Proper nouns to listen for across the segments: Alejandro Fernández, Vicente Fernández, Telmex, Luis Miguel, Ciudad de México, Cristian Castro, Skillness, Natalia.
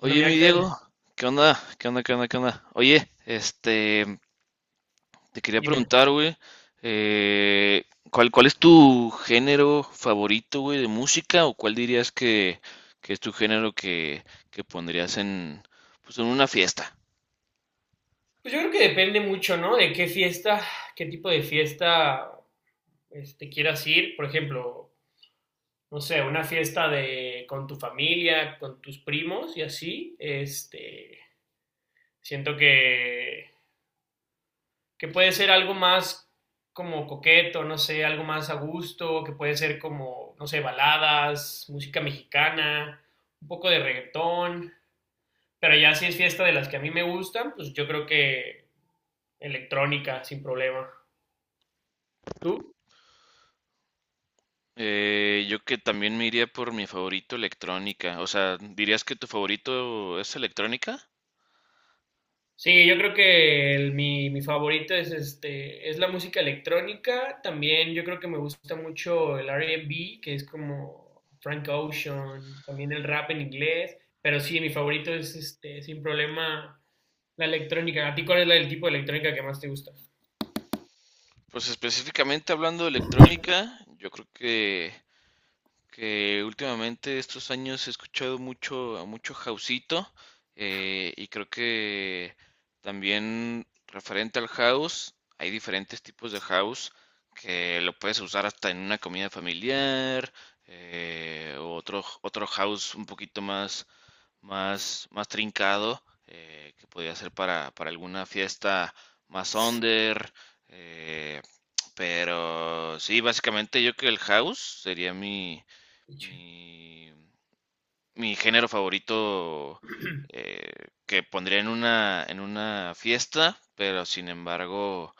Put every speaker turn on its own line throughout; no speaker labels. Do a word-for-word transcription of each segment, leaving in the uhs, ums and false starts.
No, mira,
mi
Axel,
Diego, ¿qué onda? ¿Qué onda? ¿Qué onda? ¿Qué onda? Oye, este, te quería
dime.
preguntar, güey, eh, ¿cuál, cuál es tu género favorito, güey, de música? ¿O cuál dirías que, que es tu género que, que pondrías en, pues, en una fiesta?
Pues yo creo que depende mucho, ¿no? De qué fiesta, qué tipo de fiesta este, quieras ir. Por ejemplo, no sé, una fiesta de con tu familia, con tus primos y así. Este, siento que, que puede ser algo más como coqueto, no sé, algo más a gusto, que puede ser como, no sé, baladas, música mexicana, un poco de reggaetón. Pero ya si es fiesta de las que a mí me gustan, pues yo creo que electrónica sin problema. ¿Tú?
Eh, yo que también me iría por mi favorito electrónica. O sea, ¿dirías que tu favorito es electrónica?
Sí, yo creo que el- mi, mi favorito es este, es la música electrónica. También yo creo que me gusta mucho el R and B, que es como Frank Ocean, también el rap en inglés. Pero sí, mi favorito es este, sin problema la electrónica. ¿A ti cuál es la, el tipo de electrónica que más te gusta?
Pues específicamente hablando de electrónica, yo creo que que últimamente estos años he escuchado mucho a mucho houseito, eh, y creo que también referente al house hay diferentes tipos de house que lo puedes usar hasta en una comida familiar, eh, o otro otro house un poquito más más más trincado, eh, que podría ser para para alguna fiesta más under. eh, pero sí, básicamente yo creo que el house sería mi, mi, mi género favorito, eh, que pondría en una, en una fiesta. Pero sin embargo,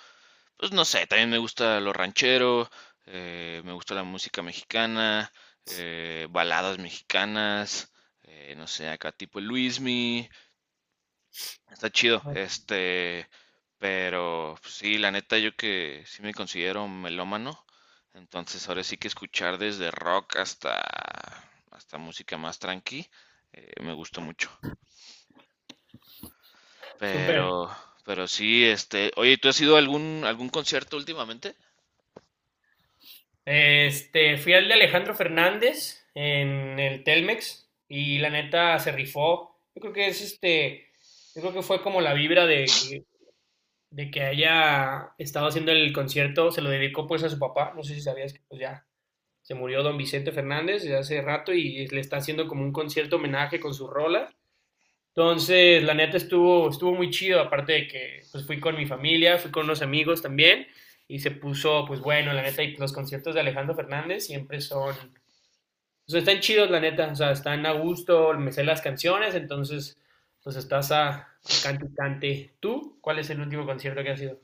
pues no sé, también me gusta lo ranchero, eh, me gusta la música mexicana, eh, baladas mexicanas, eh, no sé, acá tipo Luismi. Está chido,
Ah,
este, pero pues, sí, la neta yo que sí me considero melómano. Entonces ahora sí que escuchar desde rock hasta hasta música más tranqui, eh, me gusta mucho. Pero
súper.
pero sí, este, oye, ¿tú has ido a algún algún concierto últimamente?
Este, fui al de Alejandro Fernández en el Telmex y la neta se rifó. Yo creo que es este, yo creo que fue como la vibra de que, de que haya estado haciendo el concierto, se lo dedicó pues a su papá, no sé si sabías que pues ya se murió don Vicente Fernández desde hace rato y le está haciendo como un concierto homenaje con sus rolas. Entonces, la neta estuvo, estuvo muy chido, aparte de que pues fui con mi familia, fui con unos amigos también, y se puso, pues bueno, la neta, y los conciertos de Alejandro Fernández siempre son, o sea, están chidos, la neta, o sea, están a gusto, me sé las canciones, entonces, pues estás a, a cante y cante. ¿Tú cuál es el último concierto que has ido?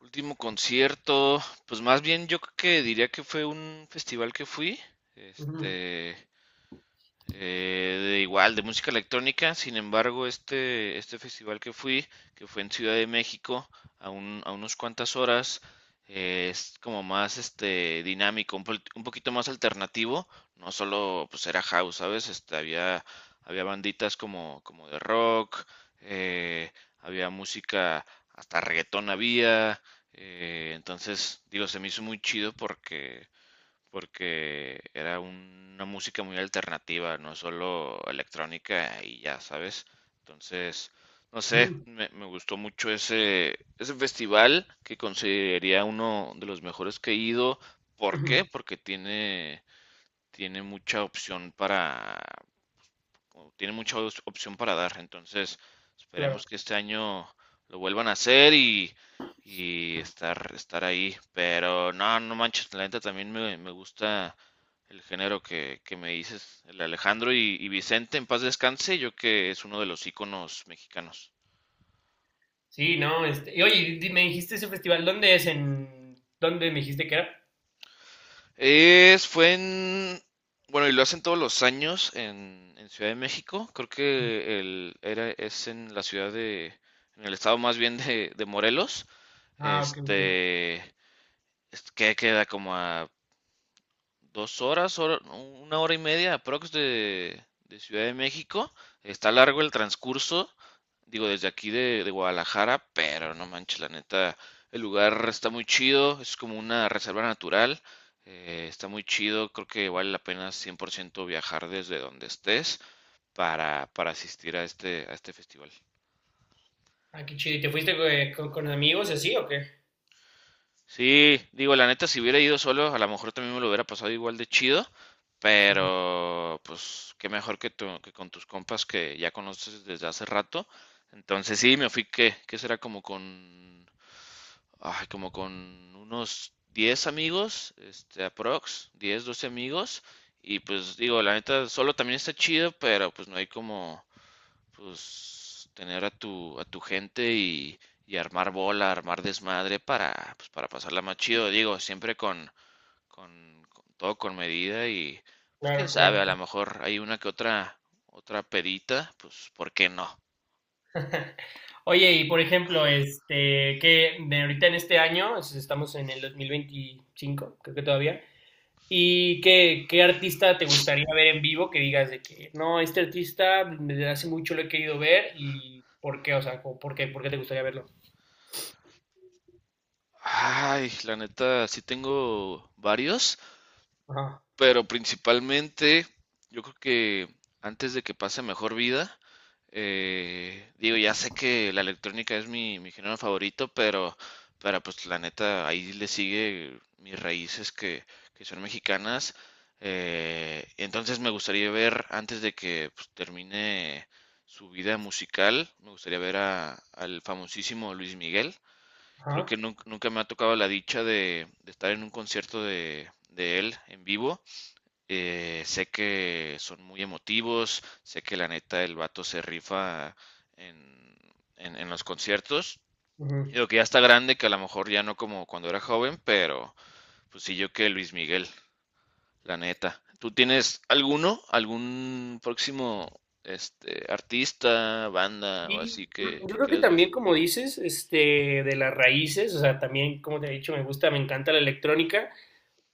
Último concierto, pues más bien yo creo que diría que fue un festival que fui,
Ujú,
este, eh, de igual, de música electrónica. Sin embargo, este, este festival que fui, que fue en Ciudad de México, a, un- a unas cuantas horas, eh, es como más este, dinámico, un, pol- un poquito más alternativo. No solo pues era house, ¿sabes? Este, había, había banditas como, como de rock, eh, había música, hasta reggaetón había. eh, entonces, digo, se me hizo muy chido porque porque era una música muy alternativa, no solo electrónica y ya, ¿sabes? Entonces, no sé,
ujú,
me, me gustó mucho ese, ese festival que consideraría uno de los mejores que he ido. ¿Por
ujú,
qué? Porque tiene, tiene mucha opción para, o tiene mucha os- opción para dar. Entonces,
claro.
esperemos que este año lo vuelvan a hacer y, y estar, estar ahí. Pero no, no manches, la neta también me, me gusta el género que, que me dices, el Alejandro y, y Vicente, en paz descanse, yo que es uno de los íconos mexicanos.
Sí, no, este, y oye, di- me dijiste ese festival, ¿dónde es? ¿En dónde me dijiste que era?
Es, fue en, bueno, y lo hacen todos los años en, en Ciudad de México. Creo que el, era, es en la ciudad de, en el estado más bien de, de Morelos.
Ah, ok, ok.
Este, es- que queda como a dos horas, hora- una hora y media aprox de, de Ciudad de México. Está largo el transcurso, digo, desde aquí de, de Guadalajara. Pero no manches, la neta, el lugar está muy chido, es como una reserva natural, eh, está muy chido, creo que vale la pena cien por ciento viajar desde donde estés para, para asistir a este, a este festival.
Ah, qué chido. ¿Y te fuiste eh, con, con amigos y así o qué?
Sí, digo, la neta, si hubiera ido solo, a lo mejor también me lo hubiera pasado igual de chido, pero pues qué mejor que, tu- que con tus compas que ya conoces desde hace rato. Entonces sí, me fui que, que será como con, ay, como con unos diez amigos, este, aprox, diez doce amigos, y pues digo, la neta, solo también está chido, pero pues no hay como pues tener a tu, a tu gente y, y armar bola, armar desmadre para, pues, para pasarla más chido, digo, siempre con, con, con todo con medida y pues quién
Claro, claro.
sabe, a lo mejor hay una que otra, otra pedita, pues ¿por qué no?
Oye, y por ejemplo, este, que de ahorita en este año, es- estamos en el dos mil veinticinco creo que todavía, ¿y qué, qué artista te gustaría ver en vivo que digas de que, no, este artista desde hace mucho lo he querido ver y por qué, o sea, como, ¿por qué, por qué te gustaría verlo?
Ay, la neta, sí tengo varios.
Ajá,
Pero principalmente, yo creo que antes de que pase mejor vida, eh, digo, ya sé que la electrónica es mi, mi género favorito, pero, pero pues la neta, ahí le sigue mis raíces que, que son mexicanas. Eh, entonces me gustaría ver, antes de que pues, termine su vida musical, me gustaría ver a, al famosísimo Luis Miguel. Creo que
ajá,
nun- nunca, me ha tocado la dicha de, de estar en un concierto de, de él en vivo. Eh, sé que son muy emotivos, sé que la neta el vato se rifa en, en, en los conciertos.
ujú.
Digo que ya está grande, que a lo mejor ya no como cuando era joven, pero pues sí yo que Luis Miguel, la neta. ¿Tú tienes alguno, algún próximo este artista, banda o
Y
así que,
yo
que
creo que
quieras ver?
también, como dices, este, de las raíces, o sea, también, como te he dicho, me gusta, me encanta la electrónica.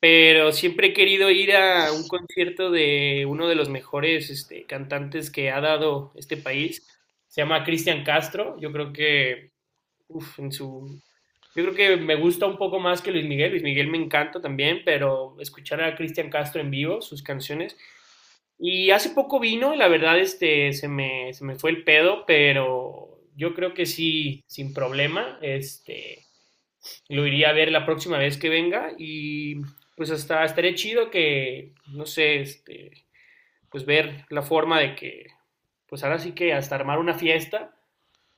Pero siempre he querido ir a un concierto de uno de los mejores este, cantantes que ha dado este país. Se llama Cristian Castro. Yo creo que, uf, en su, yo creo que me gusta un poco más que Luis Miguel. Luis Miguel me encanta también, pero escuchar a Cristian Castro en vivo, sus canciones. Y hace poco vino y la verdad este, se me, se me fue el pedo, pero yo creo que sí, sin problema. Este, lo iría a ver la próxima vez que venga y pues hasta estaría chido que, no sé, este, pues ver la forma de que, pues ahora sí que hasta armar una fiesta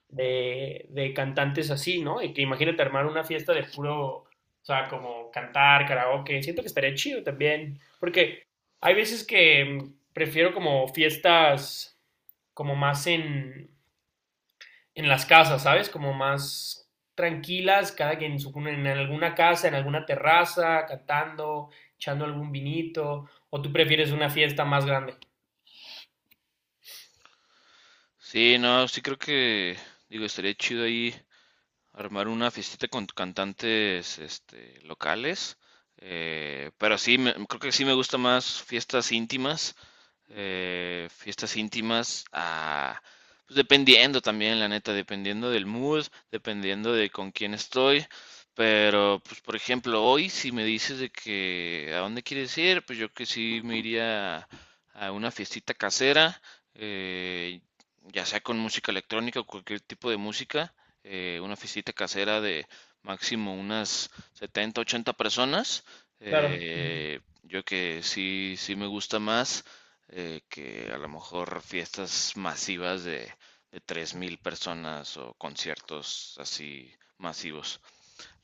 de, de cantantes así, ¿no? Y que imagínate armar una fiesta de puro, o sea, como cantar, karaoke, siento que estaría chido también, porque hay veces que mm, prefiero como fiestas como más en, en las casas, ¿sabes? Como más tranquilas, cada quien en, su- en alguna casa, en alguna terraza, cantando, echando algún vinito, o tú prefieres una fiesta más grande.
Sí, no, sí creo que, digo, estaría chido ahí armar una fiestita con cantantes este, locales. Eh, pero sí, me- creo que sí me gusta más fiestas íntimas, eh, fiestas íntimas a, pues dependiendo también, la neta, dependiendo del mood, dependiendo de con quién estoy. Pero, pues, por ejemplo, hoy si me dices de que a dónde quieres ir, pues yo que sí me iría a una fiestita casera, eh, ya sea con música electrónica o cualquier tipo de música, eh, una fiestita casera de máximo unas setenta ochenta personas.
Claro. Ujú.
Eh, yo que sí, sí me gusta más, eh, que a lo mejor fiestas masivas de, de tres mil personas o conciertos así masivos,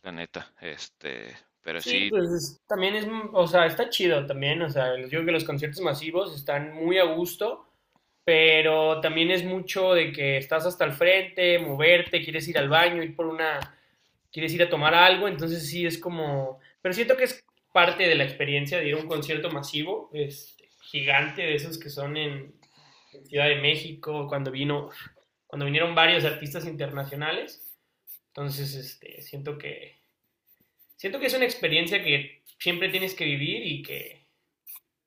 la neta. Este, pero
Sí,
sí,
pues es- también es, m- o sea, está chido también, o sea, yo creo que los conciertos masivos están muy a gusto, pero también es mucho de que estás hasta el frente, moverte, quieres ir al baño, ir por una quieres ir a tomar algo, entonces sí es como, pero siento que es parte de la experiencia de ir a un concierto masivo, este, gigante de esos que son en Ciudad de México, cuando vino, cuando vinieron varios artistas internacionales, entonces este, siento que, siento que es una experiencia que siempre tienes que vivir y que,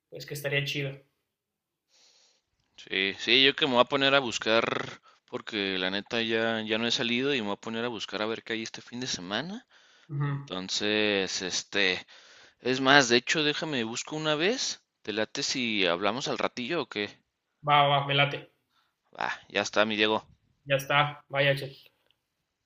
pues que estaría chido.
sí, sí, yo que me voy a poner a buscar, porque la neta ya, ya no he salido y me voy a poner a buscar a ver qué hay este fin de semana.
Ujú.
Entonces, este, es más, de hecho, déjame busco una vez. ¿Te late si hablamos al ratillo o qué?
Va, va, me late.
Va, ya está, mi Diego.
Ya está. Vaya, che.